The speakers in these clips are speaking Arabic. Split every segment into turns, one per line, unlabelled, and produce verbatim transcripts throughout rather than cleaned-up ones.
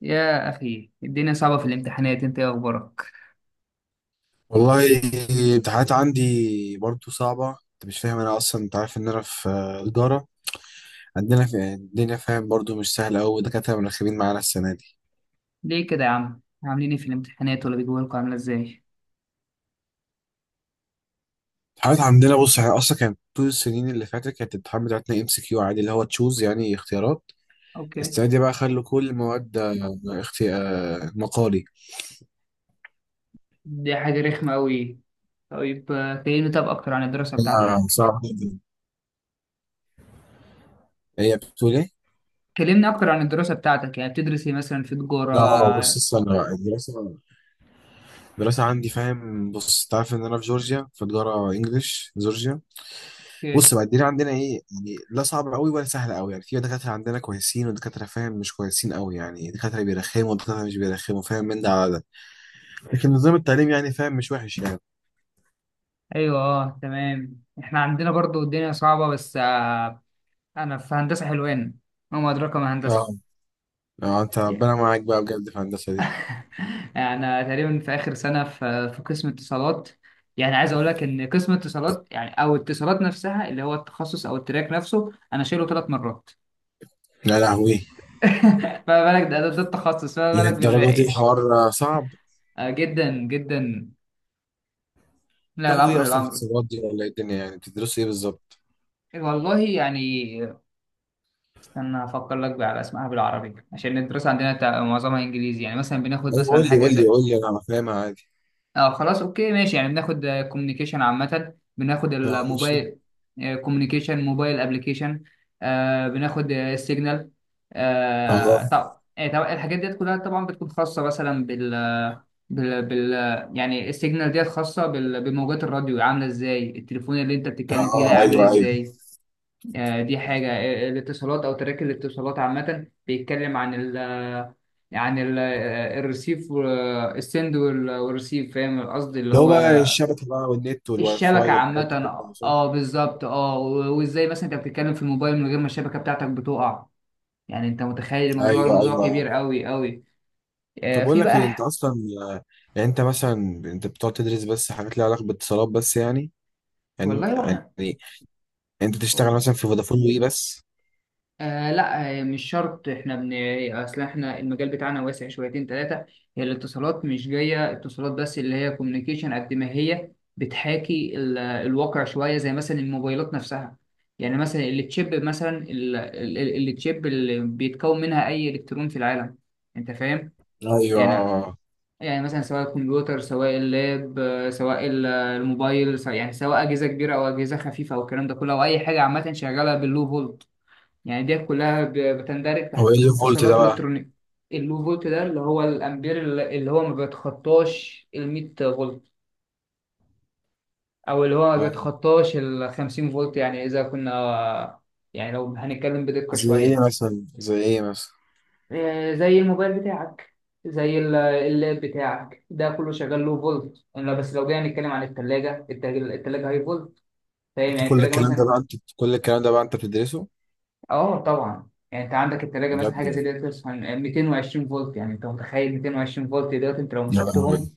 يا أخي الدنيا صعبة في الامتحانات، أنت إيه أخبارك؟
والله. الامتحانات عندي برضو صعبة. انت مش فاهم، انا اصلا انت عارف ان انا في آه، تجارة. عندنا في الدنيا فاهم برضو مش سهلة أوي، دكاترة منخبين معانا السنة دي.
ليه كده يا عم؟ عاملين إيه في الامتحانات ولا بيجوا لكم عاملة إزاي؟
الامتحانات عندنا، بص احنا اصلا كانت طول السنين اللي فاتت كانت الامتحان بتاعتنا ام سي كيو عادي، اللي هو تشوز يعني اختيارات.
أوكي.
السنة دي بقى خلوا كل المواد آه، اختي... آه، مقالي.
دي حاجة رخمة أوي. طيب آه، كلمني طب أكتر عن الدراسة
آه،
بتاعتك.
صعب جدا. هي بتقول ايه؟
كلمني أكتر عن الدراسة بتاعتك، يعني بتدرس إيه مثلا في
لا اه بص
تجارة؟
استنى بقى الدراسة. الدراسة عندي فاهم، بص انت عارف ان انا في جورجيا، في تجارة انجلش جورجيا. بص
أوكي.
بقى الدنيا عندنا ايه يعني؟ لا صعبة قوي ولا سهلة قوي. يعني في دكاترة عندنا كويسين ودكاترة فاهم مش كويسين قوي، يعني دكاترة بيرخموا ودكاترة مش بيرخموا فاهم من ده على ده. لكن نظام التعليم يعني فاهم مش وحش يعني.
أيوه، أه تمام. إحنا عندنا برضو الدنيا صعبة بس آه، أنا في هندسة حلوان، وما أدراك ما هندسة.
اه. اه انت ربنا معاك بقى بجد في الهندسة دي.
يعني تقريبا في اخر سنه، في في قسم اتصالات. يعني عايز اقول لك ان قسم اتصالات يعني او اتصالات نفسها اللي هو التخصص او التراك نفسه انا شايله ثلاث مرات.
لا لهوي،
فما بالك، ده, ده, ده التخصص، فما بالك
للدرجة
بالباقي
دي
يعني.
الحوار صعب.
آه جدا جدا. لا
تاخدوا ايه
الامر
اصلا في
الامر
اتصالات دي، ولا ايه الدنيا يعني، بتدرسوا ايه بالظبط؟
والله يعني، استنى افكر لك بقى على اسمها بالعربي، عشان الدراسه عندنا تع- معظمها انجليزي. يعني مثلا بناخد
ايوه قول
مثلا
لي
حاجه
قول لي
زي،
قول لي، انا فاهمها عادي.
اه خلاص، اوكي ماشي، يعني بناخد كوميونيكيشن عامة، بناخد
اه ماشي.
الموبايل كوميونيكيشن، موبايل ابلكيشن، بناخد السيجنال، طب
اه.
آه، طب الحاجات ديت كلها طبعا بتكون خاصة مثلا بال بال, بال يعني السيجنال ديت خاصة بال- بموجات الراديو، عاملة ازاي التليفون اللي انت بتتكلم فيه ده
اه
عامل
ايوه ايوه،
ازاي. آه، دي حاجة. آه، الاتصالات او تراك الاتصالات عامة بيتكلم عن ال عن ال- آه، الريسيف والسند والريسيف، فاهم القصد اللي
اللي هو
هو
بقى الشبكة بقى والنت والواي فاي
الشبكة عامة.
والحاجات دي كلها
اه
صح؟
آه، بالظبط. اه و- وازاي مثلا انت بتتكلم في الموبايل من غير ما الشبكة بتاعتك بتقع. يعني انت متخيل الموضوع
ايوه
الموضوع
ايوه.
كبير قوي قوي.
طب
آه
اقول
في
لك
بقى
ايه انت
ح-
اصلا، يعني انت مثلا، انت بتقعد تدرس بس حاجات ليها علاقه باتصالات بس يعني، يعني،
والله وهم.
يعني انت تشتغل مثلا في فودافون وي بس؟
آه لا، آه، مش شرط، احنا بن اصل احنا المجال بتاعنا واسع شويتين ثلاثه. هي الاتصالات مش جايه اتصالات بس، اللي هي كوميونيكيشن قد ما هي بتحاكي ال... الواقع شويه، زي مثلا الموبايلات نفسها. يعني مثلا التشيب، مثلا ال... ال... ال- التشيب اللي بيتكون منها اي الكترون في العالم، انت فاهم.
ايوه.
يعني، يعني مثلا سواء الكمبيوتر، سواء اللاب، آه، سواء ال- الموبايل، سواء يعني سواء اجهزه كبيره او اجهزه خفيفه، او الكلام ده كله، او اي حاجه عامه شغاله باللو فولت، يعني ديت كلها ب- بتندرج
هو
تحت
ايه اللي
قسم
فولت ده
اتصالات
بقى؟
والكترونيك. اللو فولت ده اللي هو الامبير، اللي هو ما بيتخطاش ال مية فولت، او اللي هو ما
اه
بيتخطاش ال خمسين فولت، يعني اذا كنا، يعني لو هنتكلم بدقة
زي
شوية،
ايه مثلا زي ايه مثلا؟
آه، زي الموبايل بتاعك، زي ال- اللاب بتاعك، ده كله شغال لو فولت، الا بس لو جينا نتكلم عن الثلاجة، الثلاجة هاي فولت، فاهم.
انت
يعني
كل
الثلاجة
الكلام ده
مثلا،
بقى انت كل الكلام ده بقى انت بتدرسه؟
اه طبعا، يعني انت عندك التلاجة مثلا
بجد
حاجه زي
والله.
ديت بتوصل ميتين وعشرين فولت. يعني انت متخيل مئتين وعشرين فولت دلوقتي انت لو
يا لهوي.
مسكتهم.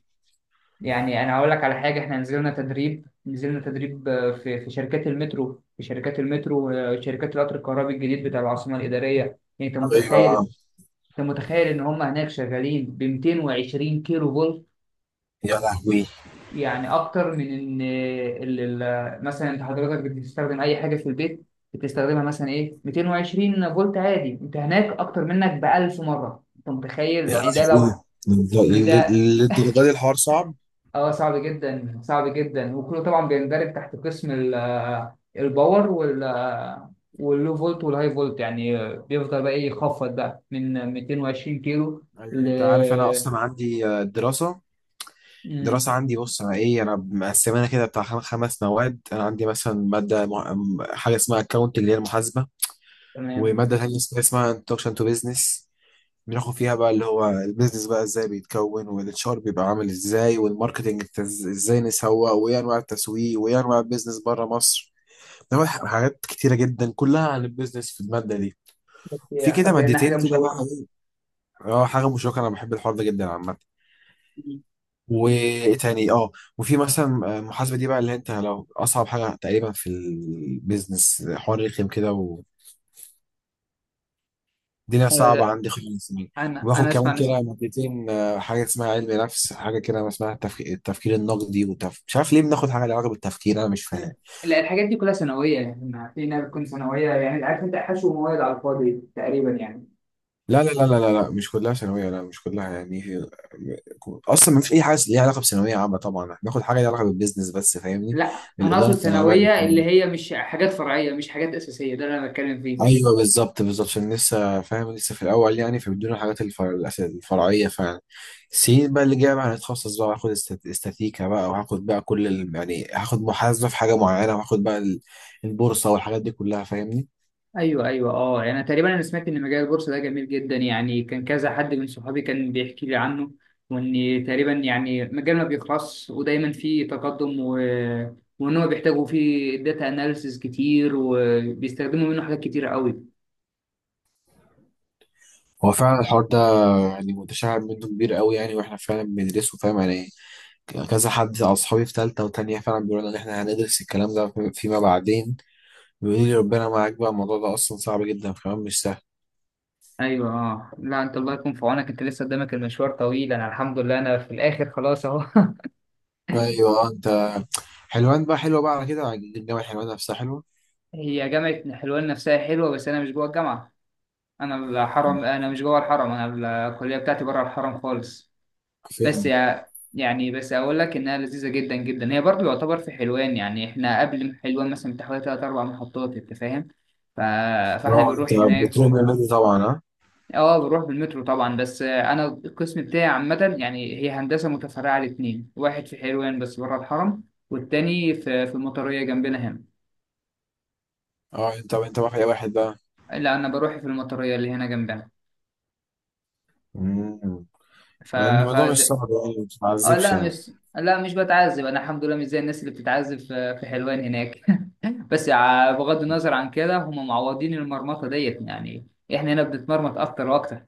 يعني انا هقول لك على حاجه، احنا نزلنا تدريب، نزلنا تدريب آه، في في شركات المترو، في شركات المترو آه، شركات القطر الكهربي الجديد بتاع العاصمه الاداريه، يعني انت
ايوه.
متخيل، انت متخيل ان هم هناك شغالين ب مئتين وعشرين كيلو فولت.
يا لهوي.
يعني اكتر من ان ال- ال- مثلا انت حضرتك بتستخدم اي حاجه في البيت، بتستخدمها مثلا ايه، ميتين وعشرين فولت عادي، انت هناك اكتر منك ب ألف مره، انت متخيل،
يا
يعني ده لوحه، ان
لهوي. للد-
ده،
للدرجه دي الحوار صعب.
اه صعب جدا صعب جدا، وكله طبعا بيندرج تحت قسم ال- الباور وال واللو فولت والهاي فولت، يعني بيفضل بقى ايه يخفض بقى من مئتين وعشرين كيلو ل،
ايوه انت عارف انا اصلا عندي آه، دراسه.
مم،
دراسة عندي، بص أنا إيه، أنا مقسمانا كده بتاع خم- خمس مواد. أنا عندي مثلا مادة مع... م- حاجة اسمها أكاونت اللي هي المحاسبة.
تمام.
ومادة تانية اسمها اسمها انتروكشن تو بيزنس. بناخد فيها بقى اللي هو البيزنس بقى إزاي بيتكون، والاتش ار بيبقى عامل إزاي، والماركتنج إنت إز- إزاي نسوق، وإيه أنواع التسويق، وإيه أنواع البيزنس بره مصر. ده ح- حاجات كتيرة جدا كلها عن البيزنس في المادة دي. في كده
اعتقد انها
مادتين
حاجه
كده بقى.
مشوقه.
إيه، اه حاجة مشوقة، أنا بحب الحوار ده جدا عامة. وايه تاني اه، وفي مثلا محاسبه دي بقى اللي انت لو اصعب حاجه تقريبا في البيزنس، حوار رخم كده والدنيا صعبه عندي خالص يعني.
انا
وباخد
انا اسمع
كمان
ناس،
كده مادتين، آه، حاجه اسمها علم نفس، حاجه كده اسمها التفك... التفكير النقدي وتف... مش عارف ليه بناخد حاجه لها علاقه بالتفكير، انا مش
لا
فاهم.
لا، الحاجات دي كلها ثانويه، يعني ما في ناس بتكون ثانويه، يعني عارف انت حشو مواد على الفاضي تقريبا يعني.
لا لا لا لا لا لا، مش كلها ثانويه، لا مش كلها يعني هي- اصلا ما فيش اي حاجه ليها علاقه بثانويه عامه. طبعا احنا بناخد حاجه ليها علاقه بالبيزنس بس فاهمني.
لا انا اقصد
الاداره بتاع الاعمال.
ثانويه اللي هي مش حاجات فرعيه، مش حاجات اساسيه، ده اللي انا بتكلم فيه.
ايوه بالظبط بالظبط، عشان لسه فاهم لسه في الاول يعني، فبيدونا الحاجات الفر... الأس- الفرعيه فعلا. السنين بقى اللي جايه بقى هنتخصص بقى هاخد استات- استاتيكا بقى، وهاخد بقى كل ال... يعني هاخد محاسبه في حاجه معينه، وهاخد بقى ال- البورصه والحاجات دي كلها فاهمني.
ايوه ايوه اه، يعني تقريبا انا سمعت ان مجال البورصه ده جميل جدا، يعني كان كذا حد من صحابي كان بيحكي لي عنه، وان تقريبا يعني مجال ما بيخلصش ودايما فيه تقدم، و وان هو بيحتاجوا فيه داتا اناليسز كتير، وبيستخدموا منه حاجات كتير قوي.
هو فعلا الحوار ده يعني متشعب منه كبير قوي يعني، واحنا فعلا بندرسه فاهم يعني. ك- كذا حد اصحابي في ثالثه وثانيه فعلا بيقولوا ان احنا هندرس الكلام ده في- فيما بعدين. بيقولوا لي ربنا معاك بقى، الموضوع ده اصلا صعب جدا كمان مش سهل.
ايوه اه، لا انت الله يكون في عونك، انت لسه قدامك المشوار طويل، انا الحمد لله انا في الاخر خلاص اهو.
ايوه انت. حلوان بقى حلوة بقى، على كده عجبني جامعة حلوان نفسها حلوة.
هي جامعه حلوان نفسها حلوه، بس انا مش جوه الجامعه، انا الحرم، انا مش جوه الحرم، انا الكليه بتاعتي بره الحرم خالص. بس
فين؟
يا يعني بس اقول لك انها لذيذه جدا جدا، هي برضو يعتبر في حلوان، يعني احنا قبل حلوان مثلا بتحوالي ثلاث اربع محطات، انت فاهم. ف... فاحنا
اه انت
بنروح هناك.
بتروح من النادي طبعا ها؟
اه بروح بالمترو طبعا، بس انا القسم بتاعي عامة، يعني هي هندسة متفرعة لاتنين، واحد في حلوان بس بره الحرم، والتاني في في المطرية جنبنا هنا.
اه انت انت بقى في اي واحد بقى؟
لا انا بروح في المطرية اللي هنا جنبنا.
مم.
ف
مع ان الموضوع مش
ف
صعب يعني مش
اه
معذبش
لا
يعني.
مش، لا مش بتعذب، انا الحمد لله مش زي الناس اللي بتتعذب في في حلوان هناك. بس ع- بغض النظر عن كده، هم معوضين المرمطة ديت يعني، احنا هنا بنتمرمط اكتر واكتر.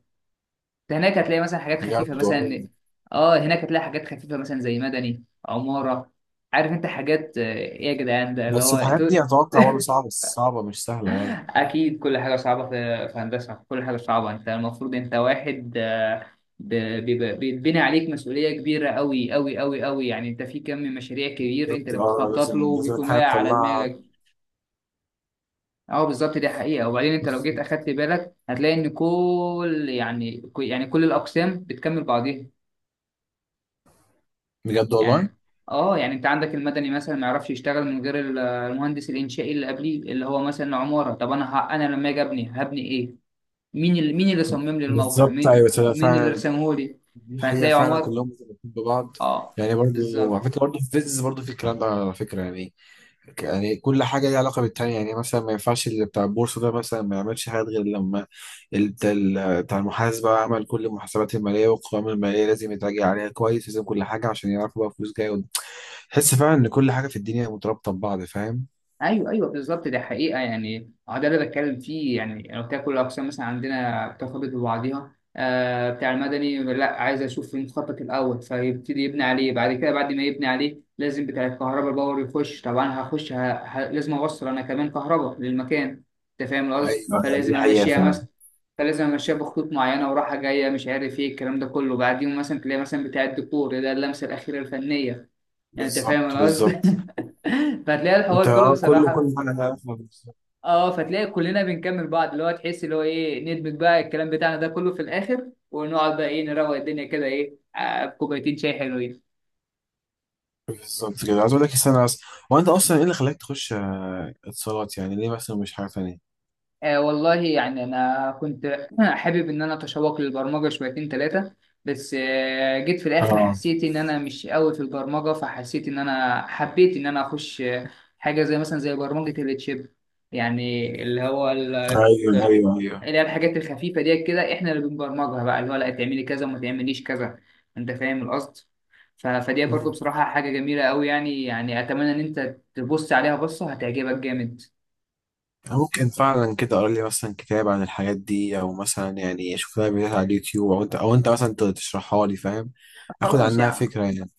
ده هناك هتلاقي مثلا حاجات خفيفة
بجد والله.
مثلا، اه هناك هتلاقي حاجات خفيفة مثلا زي مدني، عمارة، عارف انت حاجات، آه، ايه يا جدعان، ده اللي
بس
هو
الحاجات
انتوا.
دي اتوقع برضه صعبة، بس صعبة مش سهلة يعني.
اكيد كل حاجة صعبة في في هندسة، كل حاجة صعبة، انت المفروض انت واحد، آه، ب- بيبقى- بيتبني عليك مسؤولية كبيرة قوي قوي قوي قوي، يعني انت في كم مشاريع كبير، انت
بالظبط
اللي
اه
بتخطط له،
لازم لازم
وبيكون
الحاجة
واقع على
تطلعها.
دماغك. اه بالظبط، دي حقيقة. وبعدين انت لو جيت اخدت بالك هتلاقي ان كل، يعني يعني كل الاقسام بتكمل بعضيها.
بجد والله.
يعني اه، يعني انت عندك المدني مثلا ما يعرفش يشتغل من غير ال- المهندس الانشائي اللي قبليه، اللي هو مثلا عمارة. طب انا ه... انا لما اجي ابني هبني ايه؟ مين اللي مين اللي صمم لي الموقع،
بالظبط ايوه
مين
تصدق
مين اللي
فعلا،
رسمه لي؟
دي حقيقة
فهتلاقي
فعلا
عمار،
كلهم مرتبطين ببعض.
اه
يعني برضه على
بالظبط.
فكرة برضه في فيز برضه في الكلام ده على فكرة يعني، يعني كل حاجة ليها علاقة بالتانية. يعني مثلا ما ينفعش اللي بتاع البورصة ده مثلا ما يعملش حاجات غير لما ال- بتاع ال- بتاع المحاسبة عمل كل المحاسبات المالية والقوائم المالية، لازم يتراجع عليها كويس، لازم كل حاجة عشان يعرفوا بقى فلوس جاية قدام. تحس فعلا إن كل حاجة في الدنيا مرتبطة ببعض فاهم؟
ايوه ايوه بالظبط، ده حقيقه يعني. اه ده اللي بتكلم فيه، يعني انا قلت لك كل الاقسام مثلا عندنا بترتبط ببعضها. آه بتاع المدني لا، عايز اشوف المخطط الاول، فيبتدي يبني عليه. بعد كده بعد ما يبني عليه لازم بتاع الكهرباء الباور يخش، طبعا هخش ه... ه... لازم اوصل انا كمان كهرباء للمكان، انت فاهم القصد.
ايوه
فلازم
دي حقيقة
امشيها
فعلا.
مثلا، فلازم امشيها بخطوط معينه وراحه جايه مش عارف ايه الكلام ده كله. بعدين مثلا تلاقي مثلا بتاع الدكتور ده اللمسه الاخيره الفنيه، يعني انت فاهم
بالظبط
انا قصدي.
بالظبط.
فتلاقي
انت
الحوار كله
اه كله
بصراحه،
كل حاجة ليها علاقة بالظبط.
اه فتلاقي كلنا بنكمل بعض، اللي هو تحس اللي هو ايه، ندمج بقى الكلام بتاعنا ده كله في الاخر، ونقعد بقى ايه، نروق الدنيا كده، ايه، آه، بكوبايتين شاي حلوين.
بالظبط كده عايز اقول لك استنى، اصلا هو انت اصلا ايه اللي خلاك تخش اتصالات، يعني ليه مثلا مش حاجة تانية؟
آه والله يعني انا كنت حابب ان انا اتشوق للبرمجه شويتين ثلاثه، بس آه، جيت في الاخر
اه
حسيت ان انا مش قوي في البرمجه، فحسيت ان انا حبيت ان انا اخش آه، حاجه زي مثلا زي برمجه التشيب، يعني اللي هو ال
ايوه ايوه ايوه.
اللي هي الحاجات الخفيفة ديت كده احنا اللي بنبرمجها، بقى اللي هو لا تعملي كذا وما تعمليش كذا، انت فاهم القصد. ف- فدي برضو بصراحة حاجة جميلة قوي، يعني يعني اتمنى ان انت تبص عليها بصة هتعجبك جامد.
ممكن فعلا كده اقرا لي مثلا كتاب عن الحاجات دي، او مثلا يعني اشوف لها فيديوهات على اليوتيوب، او انت او انت مثلا ت- تشرحها لي فاهم، اخد
خلاص يا
عنها
عم،
فكره يعني.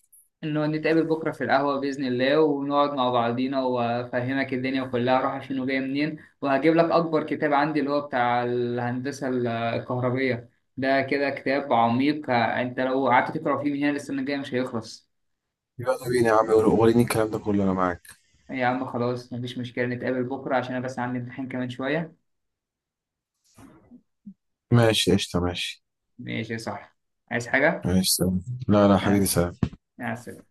انه نتقابل بكرة في القهوة بإذن الله، ونقعد مع بعضينا، وافهمك الدنيا كلها رايحة فين وجاية منين، وهجيب لك اكبر كتاب عندي اللي هو بتاع الهندسة الكهربية، ده كده كتاب عميق، انت لو قعدت تقرا فيه من هنا للسنة الجاية مش هيخلص.
يلا بينا يا عم وريني الكلام ده كله انا معاك.
يا عم خلاص مفيش مشكلة، نتقابل بكرة، عشان أنا بس عندي امتحان كمان شوية.
ماشي قشطه ماشي.
ماشي صح. عايز حاجة؟
ماشي سلام. لا لا
يا
حبيبي
عس-
سلام.
يا عسل.